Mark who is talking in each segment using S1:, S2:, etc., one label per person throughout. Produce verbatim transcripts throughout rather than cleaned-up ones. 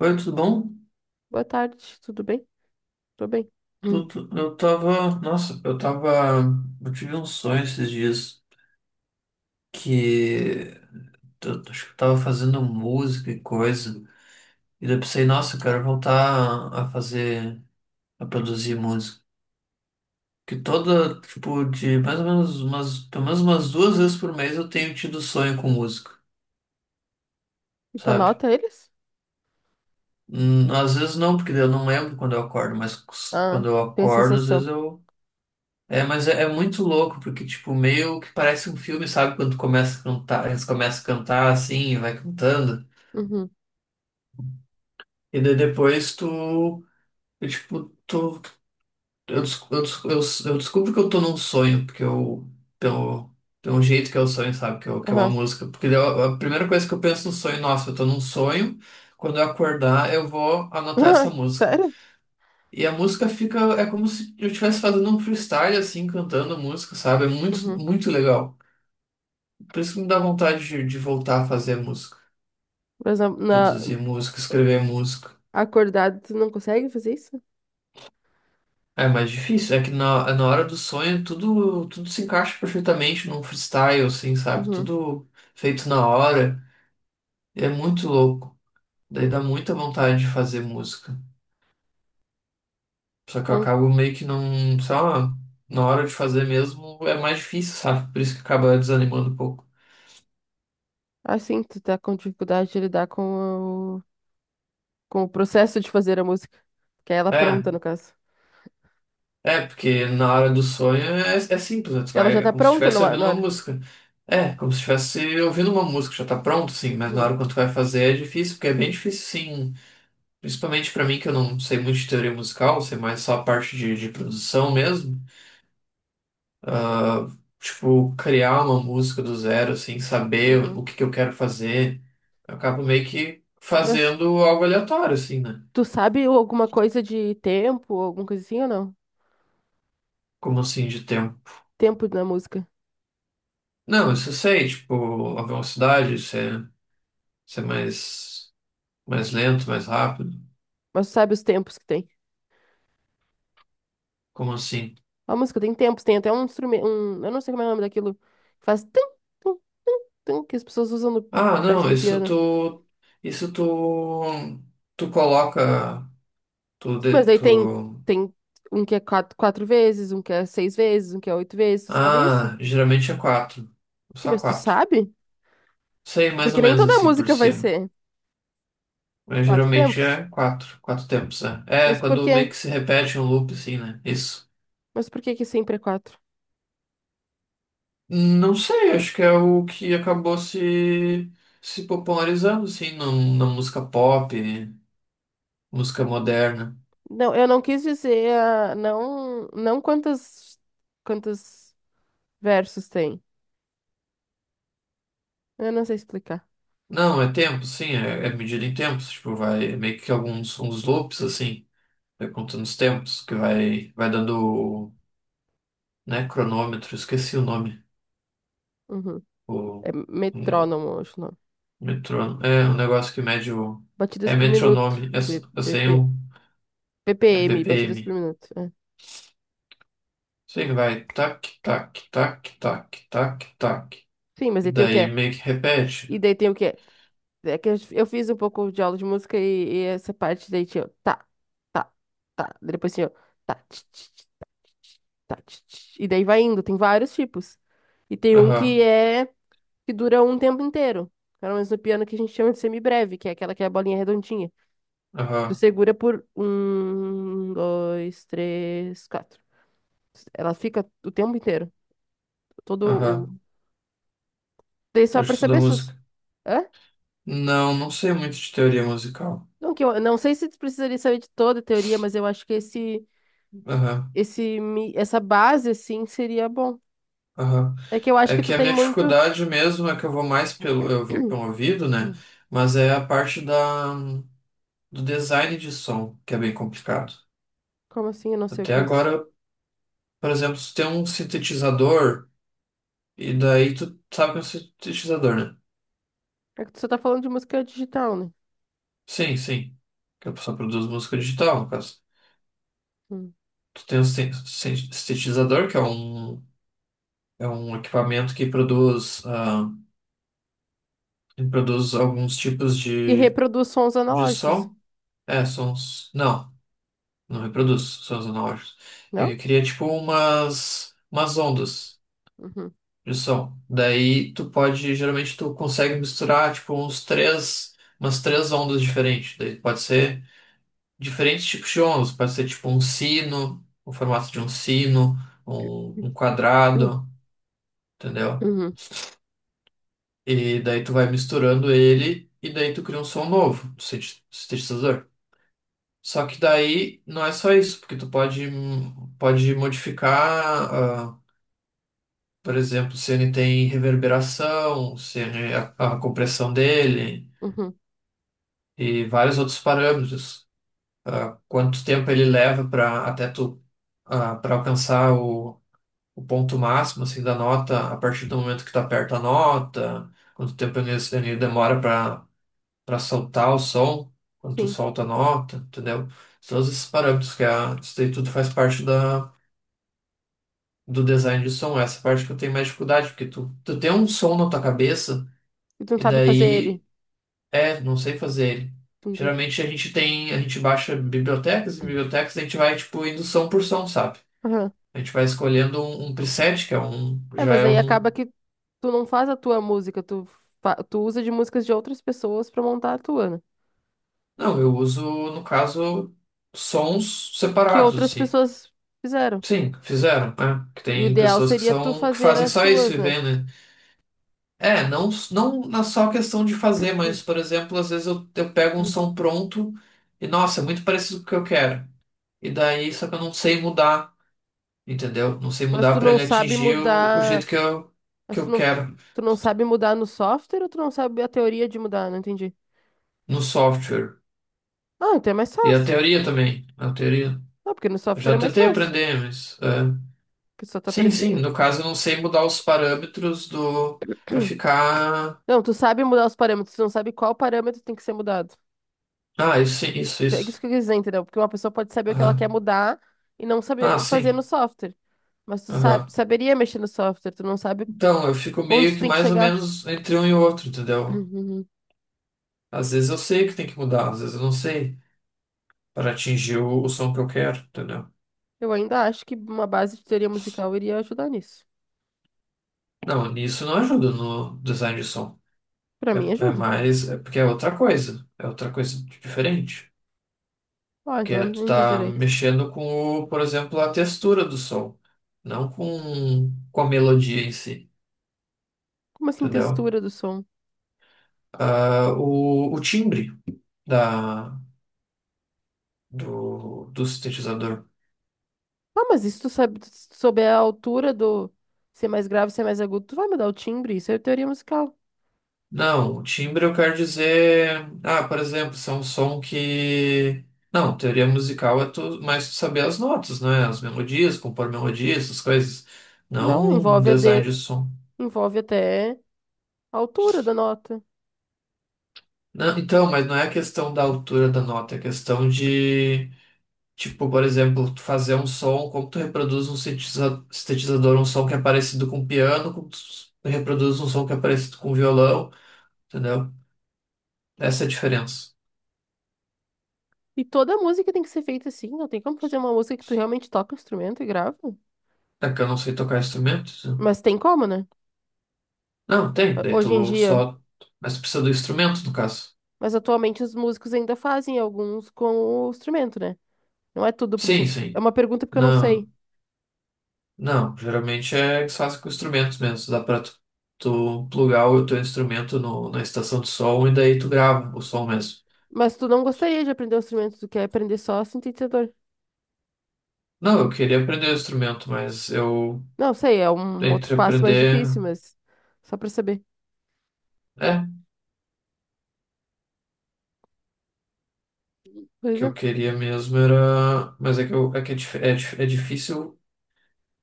S1: Oi, tudo bom?
S2: Boa tarde, tudo bem? Tô bem. Hum.
S1: Tudo, eu tava. Nossa, eu tava. Eu tive um sonho esses dias que eu, acho que eu tava fazendo música e coisa. E daí eu pensei, nossa, eu quero voltar a fazer, a produzir música. Que toda, tipo, de mais ou menos umas, pelo menos umas duas vezes por mês eu tenho tido sonho com música,
S2: E tu
S1: sabe?
S2: anota eles?
S1: Hum, Às vezes não, porque daí eu não lembro quando eu acordo, mas
S2: Ah,
S1: quando eu
S2: tem a
S1: acordo, às vezes
S2: sensação.
S1: eu... É, mas é é muito louco, porque, tipo, meio que parece um filme, sabe? Quando tu começa a cantar, eles começam a cantar assim, e vai cantando.
S2: Uhum.
S1: E daí depois tu, eu, tipo, tu, eu, des- eu, des- eu, eu descubro que eu tô num sonho, porque eu, pelo, pelo jeito que é o sonho, sabe? Que, eu, que é uma
S2: Aham.
S1: música. Porque daí eu- a primeira coisa que eu penso no sonho, nossa, eu tô num sonho, quando eu acordar, eu vou anotar essa
S2: Ah,
S1: música.
S2: sério?
S1: E a música fica, é como se eu estivesse fazendo um freestyle, assim, cantando música, sabe? É muito,
S2: Uhum.
S1: muito legal. Por isso que me dá vontade de, de voltar a fazer música,
S2: Mas na, na-
S1: produzir música, escrever música.
S2: acordado, tu não consegue fazer isso?
S1: É mais difícil, é que na, na hora do sonho tudo, tudo se encaixa perfeitamente num freestyle, assim, sabe?
S2: Uhum.
S1: Tudo feito na hora. É muito louco. Daí dá muita vontade de fazer música. Só que eu
S2: Então,
S1: acabo meio que não, sei lá, na hora de fazer mesmo é mais difícil, sabe? Por isso que acaba desanimando um pouco.
S2: assim, tu tá com dificuldade de lidar com o, com o processo de fazer a música. Que é ela
S1: É.
S2: pronta, no caso.
S1: É, porque na hora do sonho é, é simples, né? Tu
S2: E ela
S1: vai,
S2: já
S1: é
S2: tá
S1: como se
S2: pronta
S1: estivesse
S2: na
S1: ouvindo
S2: na
S1: uma
S2: hora.
S1: música. É, como se estivesse ouvindo uma música, já tá pronto, sim, mas na
S2: Uhum.
S1: hora quando tu vai fazer é difícil, porque é bem difícil, sim. Principalmente pra mim, que eu não sei muito de teoria musical, sei mais só a parte de, de produção mesmo. Ah, tipo, criar uma música do zero, assim, saber o
S2: Uhum.
S1: que que eu quero fazer. Eu acabo meio que
S2: Mas
S1: fazendo algo aleatório, assim, né?
S2: tu sabe alguma coisa de tempo, alguma coisa assim ou não?
S1: Como assim, de tempo.
S2: Tempo na música.
S1: Não, isso eu sei, tipo, a velocidade, isso é, isso é mais. Mais lento, mais rápido?
S2: Mas tu sabe os tempos que tem.
S1: Como assim?
S2: A música tem tempos, tem até um instrumento, um, eu não sei como é o nome daquilo, que faz tum, tum, tum, tum, que as pessoas usam no-
S1: Ah,
S2: perto
S1: não,
S2: do
S1: isso
S2: piano.
S1: tu. Isso tu. Tu coloca. Tu,
S2: Sim,
S1: de-
S2: mas aí tem,
S1: tu.
S2: tem um que é quatro, quatro vezes, um que é seis vezes, um que é oito vezes, tu sabe isso?
S1: Ah, geralmente é quatro.
S2: Sim,
S1: Só
S2: mas tu
S1: quatro.
S2: sabe?
S1: Sei, mais
S2: Porque
S1: ou
S2: nem
S1: menos
S2: toda
S1: assim por
S2: música vai
S1: cima.
S2: ser
S1: Mas
S2: quatro
S1: geralmente
S2: tempos.
S1: é quatro. Quatro tempos, é. É,
S2: Mas por
S1: quando meio
S2: quê?
S1: que se repete um loop, assim, né? Isso.
S2: Mas por que que sempre é quatro?
S1: Não sei, acho que é o que acabou se... se popularizando, assim, na na música pop, música moderna.
S2: Não, eu não quis dizer, ah, não, não quantas, quantos versos tem. Eu não sei explicar.
S1: Não, é tempo, sim, é, é medida em tempos, tipo, vai é meio que alguns uns loops, assim, vai contando os tempos, que vai, vai dando, né, cronômetro, esqueci o nome,
S2: Uhum.
S1: o,
S2: É
S1: o
S2: metrônomo, acho, não.
S1: metrônomo, é um negócio que mede o...
S2: Batidas
S1: é
S2: por minuto.
S1: metronome, é, s-
S2: B-
S1: eu sei
S2: BP,
S1: o... é
S2: B P M, batidas por
S1: B P M,
S2: minuto. É.
S1: sei que vai tac, tac, tac, tac, tac, tac,
S2: Sim, mas
S1: e
S2: aí tem o que
S1: daí
S2: é?
S1: meio que repete.
S2: E daí tem o que é? É que eu eu fiz um pouco de aula de música e, e essa parte daí tinha. O tá, tá, tá. Depois tinha. O tá, tch, tch, tch, tá, tch, tch, tá, tch, tch. E daí vai indo. Tem vários tipos. E tem um que
S1: Aham,
S2: é. Que dura um tempo inteiro. Pelo menos no piano que a gente chama de semibreve, que é aquela que é a bolinha redondinha. Tu
S1: aham,
S2: segura por um, dois, três, quatro. Ela fica o tempo inteiro. Todo.
S1: aham,
S2: Daí
S1: tô
S2: só pra saber
S1: estudando
S2: se... os-
S1: música.
S2: Hã?
S1: Não, não sei muito de teoria musical.
S2: Não, que eu, não sei se tu precisaria saber de toda a teoria, mas eu acho que esse,
S1: Aham,
S2: esse, mi- essa base, assim, seria bom.
S1: aham.
S2: É que eu acho
S1: É
S2: que tu
S1: que a
S2: tem
S1: minha
S2: muito...
S1: dificuldade mesmo é que eu vou mais pelo, eu vou pelo ouvido, né?
S2: Hum.
S1: Mas é a parte da, do design de som, que é bem complicado.
S2: Como assim? Eu não sei o
S1: Até
S2: que é isso.
S1: agora, por exemplo, se tem um sintetizador, e daí tu sabe que é um sintetizador, né?
S2: É que tu só tá falando de música digital, né?
S1: Sim, sim. Que a pessoa produz música digital, no caso.
S2: Hum.
S1: Tu tem um sin- sin- sintetizador, que é um, é um equipamento que produz, ah, que produz alguns tipos
S2: Que
S1: de,
S2: reproduz sons
S1: de
S2: analógicos,
S1: som. É, sons. Não. Não reproduz sons analógicos. Ele
S2: não?
S1: cria tipo umas, umas ondas
S2: Uhum.
S1: de som. Daí tu pode, geralmente tu consegue misturar tipo uns três, umas três ondas diferentes. Daí pode ser diferentes tipos de ondas. Pode ser tipo um sino, o formato de um sino, um, um
S2: Uhum.
S1: quadrado, entendeu?
S2: Uhum.
S1: E daí tu vai misturando ele e daí tu cria um som novo do sinte- sintetizador. Só que daí não é só isso, porque tu pode, hum, pode modificar... ah, Por exemplo, se ele tem reverberação, se ele, a, a compressão dele
S2: Uhum.
S1: e vários outros parâmetros. Ah, quanto tempo ele leva para até tu para alcançar o, o ponto máximo assim, da nota a partir do momento que tu aperta a nota, quanto tempo ele, ele demora para para soltar o som, quando tu
S2: Sim.
S1: solta a nota, entendeu? Todos esses parâmetros que a, isso daí tudo faz parte da, do design de som. Essa parte que eu tenho mais dificuldade, porque tu, tu tem um som na tua cabeça.
S2: E tu não
S1: E
S2: sabe fazer ele.
S1: daí é, não sei fazer ele.
S2: Entendi.
S1: Geralmente a gente tem, a gente baixa bibliotecas e bibliotecas, a gente vai tipo indo som por som, sabe?
S2: Aham.
S1: A gente vai escolhendo um, um preset, que é um,
S2: É,
S1: já
S2: mas
S1: é
S2: aí
S1: um.
S2: acaba que tu não faz a tua música, tu, fa- tu usa de músicas de outras pessoas pra montar a tua, né?
S1: Não, eu uso, no caso, sons
S2: Que
S1: separados,
S2: outras
S1: assim.
S2: pessoas fizeram.
S1: Sim, fizeram, né? Que
S2: E o
S1: tem
S2: ideal
S1: pessoas que
S2: seria tu
S1: são, que
S2: fazer
S1: fazem
S2: as
S1: só isso
S2: tuas,
S1: e
S2: né?
S1: vê, né? É, não, não na só questão de fazer, mas, por exemplo, às vezes eu, eu pego um som pronto e, nossa, é muito parecido com o que eu quero. E daí, só que eu não sei mudar. Entendeu? Não sei
S2: Mas
S1: mudar
S2: tu não
S1: para
S2: sabe
S1: atingir o, o jeito
S2: mudar,
S1: que eu, que
S2: mas
S1: eu
S2: tu não,
S1: quero
S2: tu não sabe mudar no software ou tu não sabe a teoria de mudar? Não entendi.
S1: no software.
S2: Ah, então é mais
S1: E a
S2: fácil.
S1: teoria também, né? A teoria.
S2: Ah, porque no
S1: Eu
S2: software é
S1: já
S2: mais
S1: tentei
S2: fácil.
S1: aprender, mas é...
S2: Porque só tu
S1: Sim, sim,
S2: aprendendo.
S1: no caso eu não sei mudar os parâmetros do... para ficar...
S2: Não, tu sabe mudar os parâmetros, tu não sabe qual parâmetro tem que ser mudado.
S1: Ah, isso, sim, isso,
S2: É isso
S1: isso.
S2: que eu quis dizer, entendeu? Porque uma pessoa pode saber o que ela quer
S1: Aham.
S2: mudar e não
S1: Ah,
S2: saber fazer no
S1: sim.
S2: software. Mas tu sabe,
S1: Aham.
S2: saberia mexer no software, tu não sabe
S1: Então, eu fico
S2: onde
S1: meio
S2: tu
S1: que
S2: tem que
S1: mais ou
S2: chegar.
S1: menos entre um e outro, entendeu? Às vezes eu sei que tem que mudar, às vezes eu não sei para atingir o, o som que eu quero, entendeu?
S2: Eu ainda acho que uma base de teoria musical iria ajudar nisso.
S1: Não, nisso não ajuda no design de som.
S2: Pra
S1: É,
S2: mim,
S1: é
S2: ajuda.
S1: mais. É porque é outra coisa. É outra coisa diferente.
S2: Ah,
S1: Porque
S2: então
S1: é,
S2: não
S1: tu
S2: entendi
S1: tá
S2: direito.
S1: mexendo com, o, por exemplo, a textura do som. Não com, com a melodia em si.
S2: Como assim,
S1: Entendeu?
S2: textura do som?
S1: Ah, o, o timbre da, do, do sintetizador.
S2: Ah, mas isso tu sabe, se tu souber a altura do ser mais grave, ser mais agudo, tu vai mudar o timbre. Isso é teoria musical.
S1: Não, o timbre eu quero dizer. Ah, por exemplo, se é um som que... Não, teoria musical é tu, mais tu saber as notas, né? As melodias, compor melodias, essas coisas.
S2: Não,
S1: Não um
S2: envolve a
S1: design
S2: de...
S1: de som.
S2: envolve até a altura da nota.
S1: Não, então, mas não é a questão da altura da nota, é a questão de, tipo, por exemplo, tu fazer um som, como tu reproduz um sintetiza- sintetizador, um som que é parecido com piano, como tu s- reproduz um som que é parecido com violão, entendeu? Essa é a diferença.
S2: E toda música tem que ser feita assim. Não tem como fazer uma música que tu realmente toca o instrumento e grava.
S1: É que eu não sei tocar instrumentos?
S2: Mas tem como, né?
S1: Não, tem, daí
S2: Hoje em
S1: tu
S2: dia.
S1: só... Mas tu precisa do instrumento, no caso.
S2: Mas atualmente os músicos ainda fazem alguns com o instrumento, né? Não é tudo pro cin-
S1: Sim,
S2: É
S1: sim.
S2: uma pergunta porque eu não sei.
S1: Não, não, geralmente é que se faz com instrumentos mesmo, dá pra tu tu plugar o teu instrumento no, na estação de som e daí tu grava o som mesmo.
S2: Mas tu não gostaria de aprender o instrumento, tu quer aprender só sintetizador.
S1: Não, eu queria aprender o instrumento, mas eu...
S2: Não, sei, é um um outro
S1: entre
S2: passo mais
S1: aprender,
S2: difícil, mas só pra saber.
S1: é, o
S2: Pois
S1: que
S2: é.
S1: eu queria mesmo era, mas é que, eu, é, que é, dif- é dif- é difícil,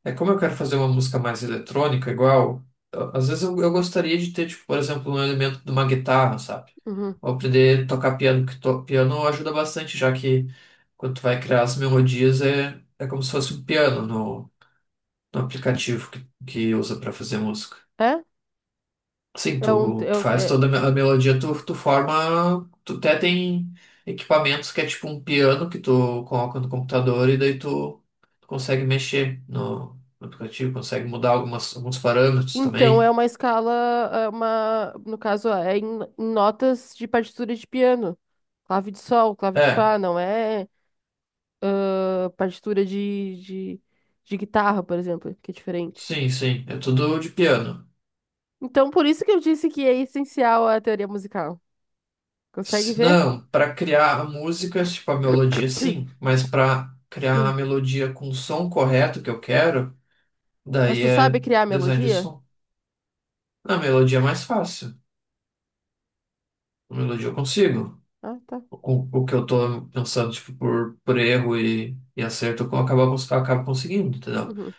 S1: é como eu quero fazer uma música mais eletrônica, igual, a- às vezes eu, eu gostaria de ter, tipo, por exemplo, um elemento de uma guitarra, sabe?
S2: Uhum.
S1: Ou aprender a tocar piano, que to, piano ajuda bastante, já que quando tu vai criar as melodias é, é como se fosse um piano no, no aplicativo que, que usa para fazer música.
S2: É?
S1: Sim,
S2: É um,
S1: tu,
S2: é,
S1: tu
S2: o-
S1: faz
S2: é-
S1: toda a melodia, tu, tu forma. Tu até tem equipamentos que é tipo um piano que tu coloca no computador e daí tu, tu consegue mexer no, no aplicativo, consegue mudar algumas, alguns parâmetros
S2: Então é
S1: também.
S2: uma escala, é uma, no caso, é em, em notas de partitura de piano. Clave de sol, clave de
S1: É,
S2: fá, não é ah, partitura de, de, de guitarra, por exemplo, que é diferente.
S1: sim, sim, é tudo de piano.
S2: Então, por isso que eu disse que é essencial a teoria musical. Consegue
S1: Se-
S2: ver?
S1: Não, pra criar a música, tipo a melodia, sim, mas pra criar a melodia com o som correto que eu quero,
S2: Mas
S1: daí
S2: tu
S1: é
S2: sabe criar
S1: design de
S2: melodia?
S1: som. A melodia é mais fácil, a melodia eu consigo.
S2: Ah, tá.
S1: O, o que eu tô pensando, tipo, por, por erro e, e acerto, eu acabo, cons- eu acabo conseguindo, entendeu?
S2: Uhum.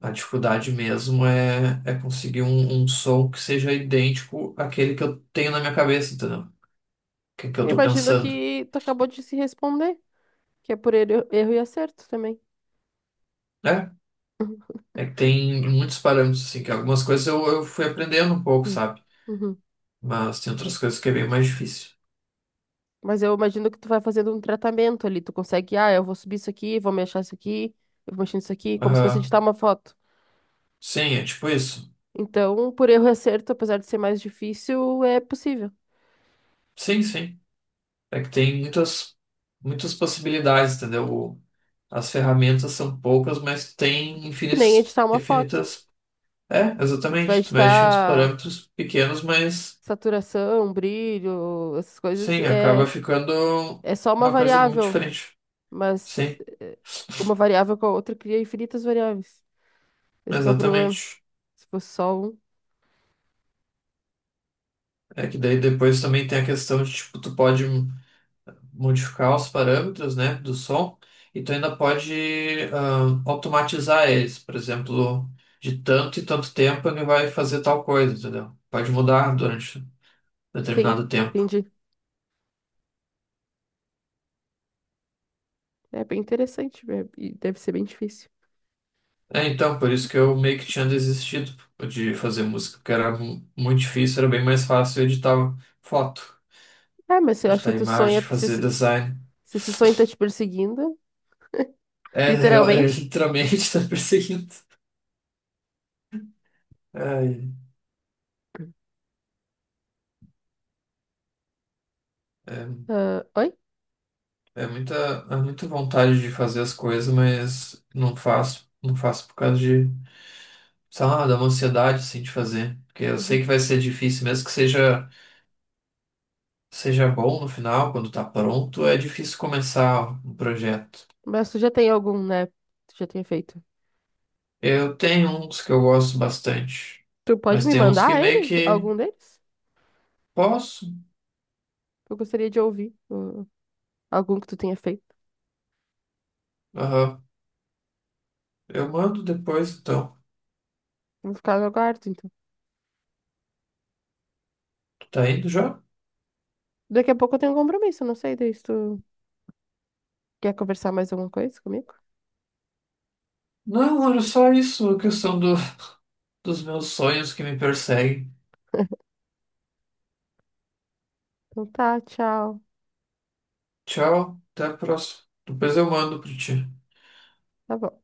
S1: A dificuldade mesmo é, é conseguir um, um som que seja idêntico àquele que eu tenho na minha cabeça, entendeu? Que, que eu tô
S2: Imagino
S1: pensando,
S2: que tu acabou de se responder, que é por erro, erro e acerto também.
S1: né? É que tem muitos parâmetros, assim, que algumas coisas eu, eu fui aprendendo um pouco,
S2: Hum.
S1: sabe?
S2: Uhum.
S1: Mas tem outras coisas que é bem mais difícil.
S2: Mas eu imagino que tu vai fazendo um tratamento ali. Tu consegue, ah, eu vou subir isso aqui, vou mexer isso aqui, eu vou mexer isso aqui, como se fosse
S1: Aham.
S2: editar uma foto.
S1: Sim, é tipo isso.
S2: Então, por erro e acerto, apesar de ser mais difícil, é possível.
S1: Sim, sim. É que tem muitas, muitas possibilidades, entendeu? As ferramentas são poucas, mas tem
S2: Que nem
S1: infinitas,
S2: editar uma foto.
S1: infinitas. É,
S2: Tu vai
S1: exatamente. Tu mexe uns
S2: editar
S1: parâmetros pequenos, mas
S2: saturação, brilho, essas coisas,
S1: sim, acaba
S2: é,
S1: ficando
S2: é só uma
S1: uma coisa muito
S2: variável.
S1: diferente.
S2: Mas
S1: Sim,
S2: eh, uma variável com a outra cria infinitas variáveis. Esse que é o problema.
S1: exatamente.
S2: Se fosse só um,
S1: É que daí depois também tem a questão de, tipo, tu pode modificar os parâmetros, né, do som, e tu ainda pode ah, automatizar eles. Por exemplo, de tanto e tanto tempo ele vai fazer tal coisa, entendeu? Pode mudar durante
S2: sim,
S1: determinado tempo.
S2: entendi. É bem interessante, né? E deve ser bem difícil.
S1: É, então, por isso que eu meio que tinha desistido de fazer música, porque era mu- muito difícil, era bem mais fácil editar foto,
S2: Ah, mas eu acho que
S1: editar
S2: tu
S1: imagem,
S2: sonha, se,
S1: fazer
S2: esse-
S1: design.
S2: se esse sonho tá te perseguindo,
S1: É, é, é
S2: literalmente.
S1: literalmente tá perseguindo. Ai, é,
S2: Ah, oi?
S1: é muita, é muita vontade de fazer as coisas, mas não faço, não faço por causa de, sei lá, dá uma ansiedade assim de fazer. Porque eu sei
S2: Uhum.
S1: que vai ser difícil, mesmo que seja, seja bom no final, quando tá pronto, é difícil começar um projeto.
S2: Mas tu já tem algum, né? Tu já tem feito.
S1: Eu tenho uns que eu gosto bastante,
S2: Tu pode
S1: mas
S2: me
S1: tem uns que
S2: mandar
S1: meio
S2: ele?
S1: que...
S2: Algum deles?
S1: posso.
S2: Eu gostaria de ouvir uh, algum que tu tenha feito.
S1: Aham. Eu mando depois, então.
S2: Vou ficar no aguardo, então.
S1: Tu tá indo já?
S2: Daqui a pouco eu tenho um compromisso, não sei, daí se tu quer conversar mais alguma coisa comigo?
S1: Não, olha só isso, a questão do, dos meus sonhos que me perseguem.
S2: Então tá, tchau.
S1: Tchau, até a próxima. Depois eu mando pra ti.
S2: Tá bom.